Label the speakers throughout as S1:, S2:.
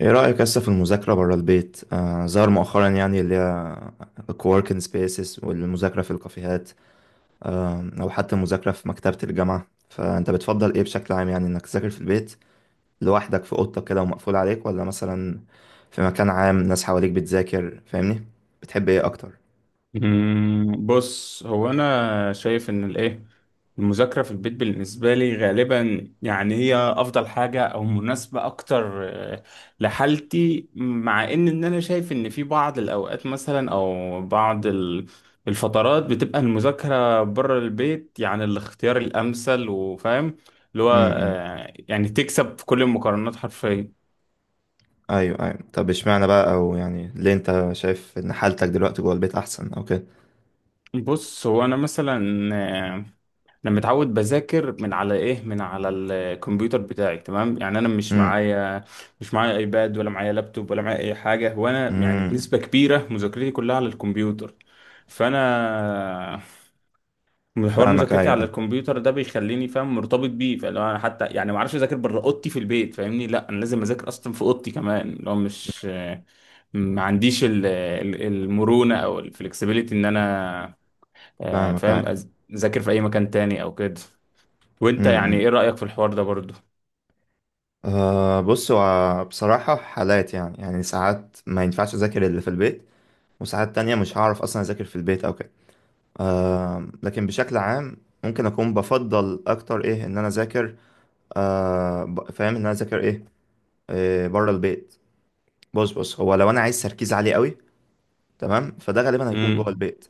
S1: ايه رأيك لسه في المذاكرة برا البيت؟ ظهر مؤخرا يعني اللي هي الكووركينج سبيسز والمذاكرة في الكافيهات. أو حتى المذاكرة في مكتبة الجامعة، فأنت بتفضل ايه بشكل عام، يعني إنك تذاكر في البيت لوحدك في أوضتك كده ومقفول عليك، ولا مثلا في مكان عام ناس حواليك بتذاكر فاهمني؟ بتحب ايه أكتر؟
S2: بص هو انا شايف ان الايه المذاكره في البيت بالنسبه لي غالبا، يعني هي افضل حاجه او مناسبه اكتر، لحالتي. مع ان انا شايف ان في بعض الاوقات مثلا او بعض الفترات بتبقى المذاكره بره البيت يعني الاختيار الامثل. وفاهم اللي هو،
S1: امم.
S2: يعني تكسب في كل المقارنات حرفيا.
S1: أيوه أيوه، طب اشمعنى بقى، أو يعني ليه أنت شايف إن حالتك دلوقتي جوه البيت أحسن أو كده؟
S2: بص هو انا مثلا، انا متعود بذاكر من على ايه، من على الكمبيوتر بتاعي، تمام. يعني انا مش
S1: امم.
S2: معايا مش معايا ايباد ولا معايا لابتوب ولا معايا اي حاجه، وانا يعني
S1: امم.
S2: بنسبه كبيره مذاكرتي كلها على الكمبيوتر. فانا حوار
S1: فاهمك أيوه
S2: مذاكرتي على
S1: أيوه.
S2: الكمبيوتر ده بيخليني فاهم مرتبط بيه، فلو انا حتى يعني ما اعرفش اذاكر بره اوضتي في البيت فاهمني، لا انا لازم اذاكر اصلا في اوضتي كمان. لو مش ما عنديش المرونه او الفلكسبيليتي ان انا، فاهم
S1: فاهمك
S2: اذاكر في اي مكان تاني او كده. وانت يعني
S1: أيوه.
S2: ايه رأيك في الحوار ده برضو؟
S1: أه، بص هو بصراحة حالات، يعني ساعات ما ينفعش أذاكر اللي في البيت، وساعات تانية مش هعرف أصلا أذاكر في البيت أو كده. أه لكن بشكل عام ممكن أكون بفضل أكتر إيه إن أنا أذاكر، فاهم إن أنا أذاكر إيه، إيه بره البيت. بص هو لو أنا عايز تركيز عالي قوي، تمام، فده غالبا هيكون جوه
S2: امم،
S1: البيت،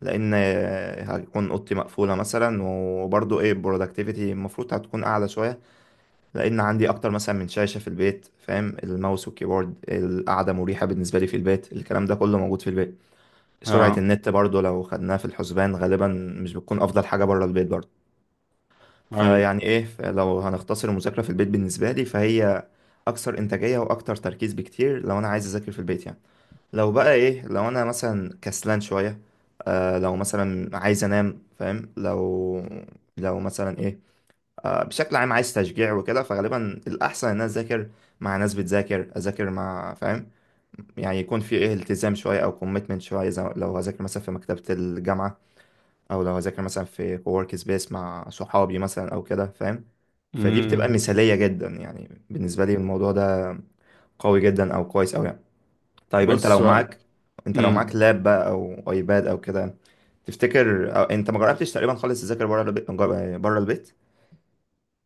S1: لأن هتكون أوضتي مقفولة مثلا، وبرضه إيه productivity المفروض هتكون أعلى شوية، لان عندي اكتر مثلا من شاشه في البيت، فاهم، الماوس والكيبورد، القعده مريحه بالنسبه لي في البيت، الكلام ده كله موجود في البيت، سرعه
S2: اه،
S1: النت برضو لو خدناها في الحسبان غالبا مش بتكون افضل حاجه بره البيت برضو.
S2: اي،
S1: فيعني ايه، لو هنختصر المذاكره في البيت بالنسبه لي، فهي اكثر انتاجيه واكتر تركيز بكتير لو انا عايز اذاكر في البيت يعني. لو بقى ايه، لو انا مثلا كسلان شويه، لو مثلا عايز انام فاهم، لو مثلا ايه، بشكل عام عايز تشجيع وكده، فغالبا الأحسن إن أنا أذاكر مع ناس بتذاكر، أذاكر مع فاهم، يعني يكون في إيه التزام شوية أو كوميتمنت شوية، زي لو هذاكر مثلا في مكتبة الجامعة، أو لو هذاكر مثلا في كوورك سبيس مع صحابي مثلا أو كده فاهم، فدي بتبقى
S2: امم،
S1: مثالية جدا يعني بالنسبة لي، الموضوع ده قوي جدا أو كويس أوي يعني. طيب
S2: بص هو-
S1: أنت لو معاك
S2: امم.
S1: لاب بقى أو أيباد أو كده، تفتكر، أو أنت ما جربتش تقريبا خالص تذاكر بره البيت بره البيت؟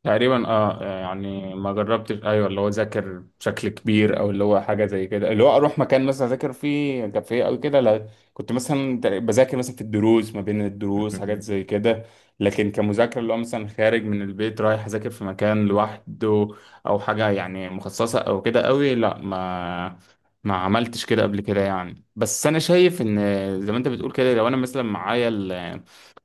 S2: تقريبا اه، يعني ما جربتش، ايوه اللي هو ذاكر بشكل كبير او اللي هو حاجه زي كده اللي هو اروح مكان مثلا اذاكر فيه كافيه او كده، لا. كنت مثلا بذاكر مثلا في الدروس، ما بين الدروس، حاجات زي كده. لكن كمذاكره اللي هو مثلا خارج من البيت رايح اذاكر في مكان لوحده او حاجه يعني مخصصه او كده قوي، لا، ما عملتش كده قبل كده يعني. بس انا شايف ان زي ما انت بتقول كده، لو انا مثلا معايا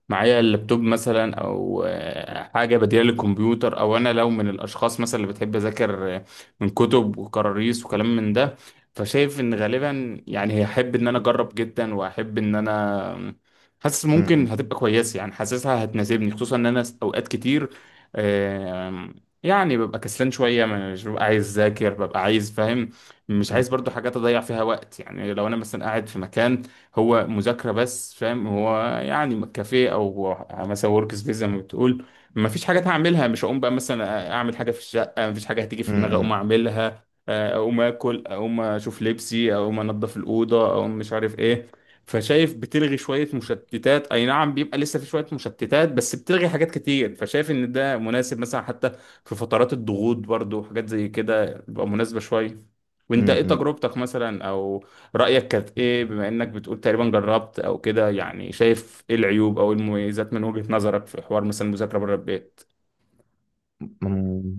S2: معايا اللابتوب مثلا، او حاجه بديله للكمبيوتر، او انا لو من الاشخاص مثلا اللي بتحب اذاكر من كتب وكراريس وكلام من ده، فشايف ان غالبا يعني هحب ان انا اجرب جدا، واحب ان انا حاسس ممكن هتبقى كويسه، يعني حاسسها هتناسبني، خصوصا ان انا اوقات كتير، آم، يعني ببقى كسلان شويه، مش ببقى عايز اذاكر، ببقى عايز فاهم، مش عايز برضو حاجات اضيع فيها وقت. يعني لو انا مثلا قاعد في مكان هو مذاكرة بس فاهم، هو يعني كافيه او مثلا ورك سبيس زي ما بتقول، ما فيش حاجات هعملها، مش هقوم بقى مثلا اعمل حاجة في الشقة، ما فيش حاجة هتيجي في دماغي اقوم
S1: امم،
S2: اعملها، اقوم اكل، اقوم اشوف لبسي، اقوم انضف الأوضة، اقوم مش عارف ايه. فشايف بتلغي شوية مشتتات، أي نعم بيبقى لسه في شوية مشتتات، بس بتلغي حاجات كتير. فشايف إن ده مناسب مثلا حتى في فترات الضغوط، برضو حاجات زي كده بتبقى مناسبة شوية. وأنت إيه
S1: امم.
S2: تجربتك مثلا، أو رأيك كانت ايه؟ بما انك بتقول تقريبا جربت او كده، يعني شايف ايه العيوب او إيه المميزات من وجهة نظرك في حوار مثلا المذاكرة بره البيت؟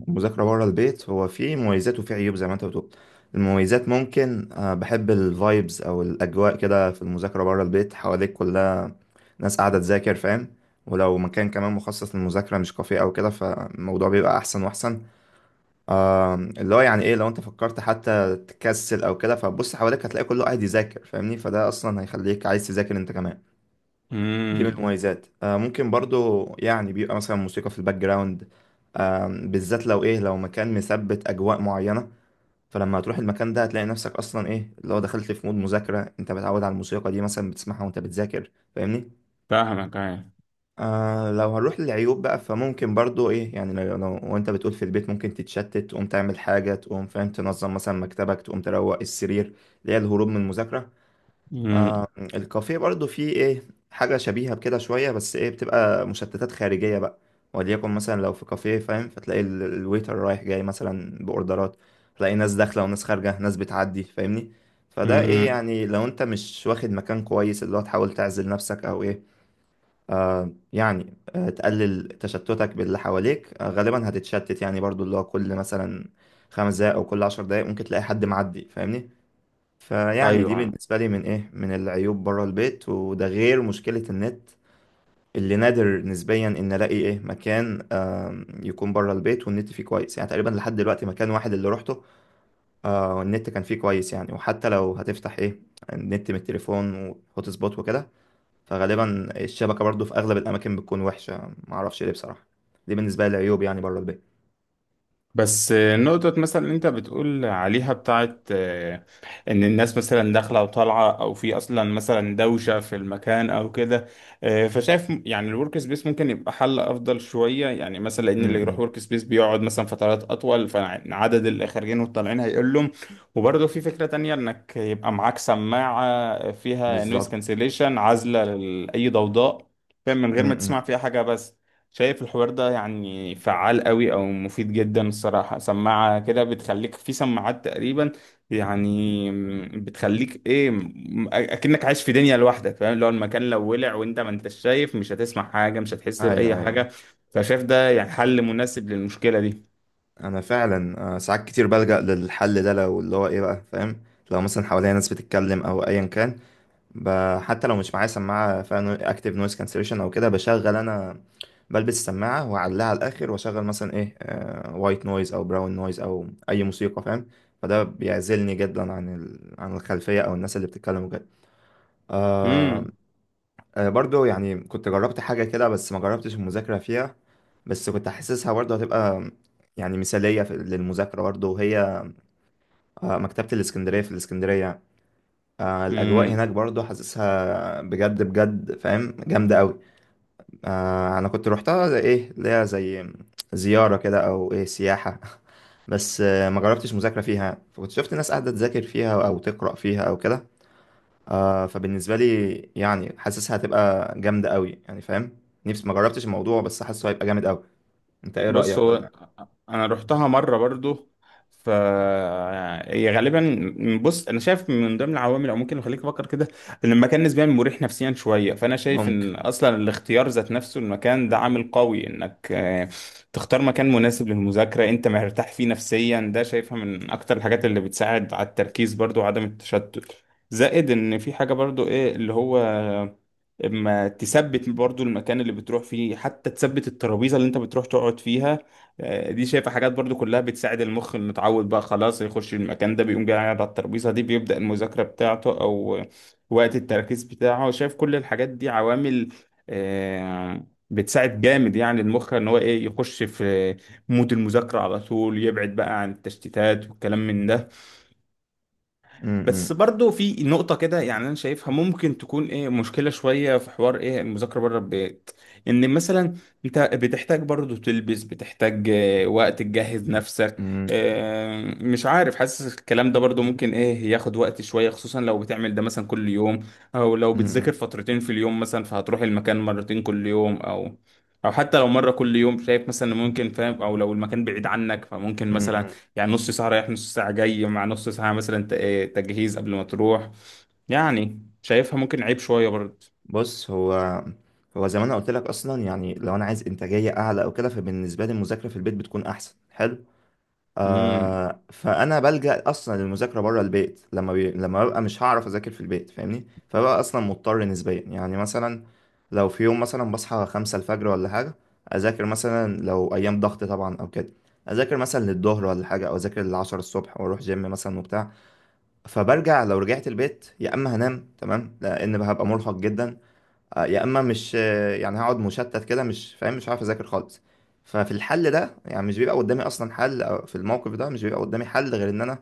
S1: مذاكرة بره البيت، هو فيه مميزات وفيه عيوب زي ما انت بتقول. المميزات ممكن بحب الفايبز او الاجواء كده في المذاكرة بره البيت، حواليك كلها ناس قاعدة تذاكر فاهم، ولو مكان كمان مخصص للمذاكرة مش كافيه او كده فالموضوع بيبقى احسن واحسن. اللي هو يعني ايه لو انت فكرت حتى تكسل او كده، فبص حواليك هتلاقي كله قاعد يذاكر فاهمني، فده اصلا هيخليك عايز تذاكر انت كمان. دي من
S2: امم،
S1: المميزات. آه ممكن برضو يعني بيبقى مثلا موسيقى في الباك جراوند، بالذات لو ايه لو مكان مثبت اجواء معينة، فلما هتروح المكان ده هتلاقي نفسك اصلا ايه لو دخلت في مود مذاكرة، انت متعود على الموسيقى دي مثلا بتسمعها وانت بتذاكر فاهمني.
S2: فاهمك، ايوه،
S1: لو هنروح للعيوب بقى، فممكن برضو ايه، يعني وانت بتقول في البيت ممكن تتشتت، تقوم تعمل حاجة، تقوم فاهم تنظم مثلا مكتبك، تقوم تروق السرير، اللي هي الهروب من المذاكرة.
S2: امم،
S1: الكافيه برضو فيه ايه حاجة شبيهة بكده شوية، بس ايه بتبقى مشتتات خارجية بقى، وليكن مثلا لو في كافيه فاهم، فتلاقي الويتر رايح جاي مثلا بأوردرات، تلاقي ناس داخلة وناس خارجة، ناس بتعدي فاهمني. فده ايه
S2: امم،
S1: يعني لو انت مش واخد مكان كويس اللي هو تحاول تعزل نفسك او ايه يعني، تقلل تشتتك باللي حواليك، غالبا هتتشتت، يعني برضو اللي هو كل مثلا 5 دقايق او كل 10 دقايق ممكن تلاقي حد معدي فاهمني. فيعني دي
S2: ايوه.
S1: بالنسبة لي من إيه من العيوب بره البيت، وده غير مشكلة النت، اللي نادر نسبيا إن ألاقي إيه مكان يكون بره البيت والنت فيه كويس، يعني تقريبا لحد دلوقتي مكان واحد اللي روحته والنت كان فيه كويس، يعني وحتى لو هتفتح إيه النت من التليفون وهوت سبوت وكده، فغالبا الشبكة برضو في أغلب الأماكن بتكون وحشة معرفش ليه بصراحة. دي بالنسبة لي العيوب يعني بره البيت.
S2: بس نقطة مثلا اللي انت بتقول عليها بتاعت، ان الناس مثلا داخلة وطالعة، او في اصلا مثلا دوشة في المكان او كده، فشايف يعني الورك سبيس ممكن يبقى حل افضل شوية. يعني مثلا ان
S1: م-.
S2: اللي يروح
S1: م.
S2: ورك سبيس بيقعد مثلا فترات اطول، فعدد اللي خارجين والطالعين هيقلهم. وبرضه في فكرة تانية انك يبقى معاك سماعة فيها نويز
S1: بالظبط.
S2: كانسليشن عازلة لأي ضوضاء، فاهم، من
S1: م-.
S2: غير ما تسمع
S1: م.
S2: فيها حاجة. بس شايف الحوار ده يعني فعال قوي او مفيد جدا الصراحة. سماعة كده بتخليك في سماعات تقريبا، يعني بتخليك ايه، اكنك عايش في دنيا لوحدك فاهم. لو المكان لو ولع وانت ما انتش شايف، مش هتسمع حاجة، مش هتحس بأي
S1: أيوه أيوه.
S2: حاجة. فشايف ده يعني حل مناسب للمشكلة دي.
S1: انا فعلا ساعات كتير بلجأ للحل ده، لو اللي هو ايه بقى فاهم، لو مثلا حواليا ناس بتتكلم او ايا كان، حتى لو مش معايا سماعه فيها اكتف نويز كانسليشن او كده، بشغل انا، بلبس السماعه واعلقها على الاخر واشغل مثلا ايه وايت نويز او براون نويز او اي موسيقى فاهم، فده بيعزلني جدا عن عن الخلفيه او الناس اللي بتتكلم وكده. آه،
S2: امم،
S1: برضو يعني كنت جربت حاجة كده بس ما جربتش المذاكرة فيها، بس كنت حاسسها برضو هتبقى يعني مثالية للمذاكرة برضو، وهي مكتبة الإسكندرية في الإسكندرية. الأجواء هناك
S2: امم.
S1: برضو حاسسها بجد بجد فاهم جامدة أوي. أنا كنت روحتها زي إيه اللي هي زي زيارة كده أو إيه سياحة بس ما جربتش مذاكرة فيها، فكنت شفت ناس قاعدة تذاكر فيها أو تقرأ فيها أو كده. آه فبالنسبة لي يعني حاسسها هتبقى جامدة قوي يعني فاهم، نفسي ما جربتش الموضوع بس حاسه هيبقى جامد قوي. انت ايه
S2: بص
S1: رأيك
S2: هو
S1: ولا
S2: انا رحتها مره برضو. ف هي غالبا بص، انا شايف من ضمن العوامل او ممكن اللي يخليك تفكر كده ان المكان نسبيا مريح نفسيا شويه. فانا شايف
S1: ممكن؟
S2: ان اصلا الاختيار ذات نفسه المكان ده عامل قوي انك تختار مكان مناسب للمذاكره انت مرتاح فيه نفسيا، ده شايفها من اكتر الحاجات اللي بتساعد على التركيز برضو، وعدم التشتت. زائد ان في حاجه برضو ايه اللي هو اما تثبت برضو المكان اللي بتروح فيه، حتى تثبت الترابيزه اللي انت بتروح تقعد فيها، دي شايفه حاجات برضو كلها بتساعد المخ انه يتعود بقى خلاص يخش المكان ده، بيقوم جاي قاعد على الترابيزه دي بيبدا المذاكره بتاعته او وقت التركيز بتاعه. شايف كل الحاجات دي عوامل بتساعد جامد يعني المخ ان هو ايه يخش في مود المذاكره على طول، يبعد بقى عن التشتيتات والكلام من ده.
S1: م-،
S2: بس
S1: م-،
S2: برضو في نقطة كده يعني أنا شايفها ممكن تكون إيه مشكلة شوية في حوار إيه المذاكرة بره البيت، إن مثلا أنت بتحتاج برضو تلبس، بتحتاج وقت تجهز نفسك.
S1: م-،
S2: مش عارف حاسس الكلام ده برضو ممكن إيه ياخد وقت شوية، خصوصا لو بتعمل ده مثلا كل يوم، أو لو بتذاكر
S1: م-،
S2: فترتين في اليوم مثلا فهتروح المكان مرتين كل يوم، أو حتى لو مرة كل يوم، شايف مثلا إن ممكن فاهم. أو لو المكان بعيد عنك فممكن
S1: م-،
S2: مثلا
S1: م-.
S2: يعني نص ساعة رايح نص ساعة جاي مع نص ساعة مثلا تجهيز قبل ما تروح. يعني شايفها ممكن عيب شوية برضه.
S1: بص هو، هو زي ما انا قلت لك اصلا يعني، لو انا عايز انتاجية اعلى او كده فبالنسبة لي المذاكرة في البيت بتكون احسن، حلو.
S2: امم،
S1: آه فانا بلجأ اصلا للمذاكره بره البيت لما لما ببقى مش هعرف اذاكر في البيت فاهمني، فببقى اصلا مضطر نسبيا يعني، مثلا لو في يوم مثلا بصحى 5 الفجر ولا حاجه، اذاكر مثلا لو ايام ضغط طبعا او كده، اذاكر مثلا للظهر ولا حاجه، او اذاكر لل10 الصبح واروح جيم مثلا وبتاع، فبرجع، لو رجعت البيت يا اما هنام تمام لان هبقى مرهق جدا، يا اما مش يعني هقعد مشتت كده مش فاهم مش عارف اذاكر خالص. ففي الحل ده يعني مش بيبقى قدامي اصلا حل، أو في الموقف ده مش بيبقى قدامي حل غير ان انا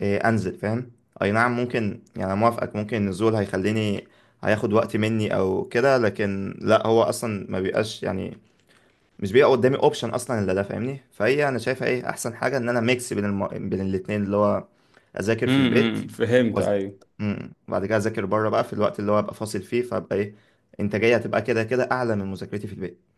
S1: انزل فاهم. اي نعم ممكن، يعني أنا موافقك ممكن النزول هيخليني هياخد وقت مني او كده، لكن لا هو اصلا ما بيبقاش يعني مش بيبقى قدامي اوبشن اصلا الا ده فاهمني. فهي انا شايفها ايه احسن حاجه ان انا ميكس بين بين الاتنين اللي هو اذاكر في البيت
S2: امم، فهمت،
S1: وز...
S2: ايوه.
S1: مم. وبعد كده اذاكر بره بقى في الوقت اللي هو ابقى فاصل فيه، فابقى ايه انتاجيه هتبقى كده كده اعلى من مذاكرتي في البيت.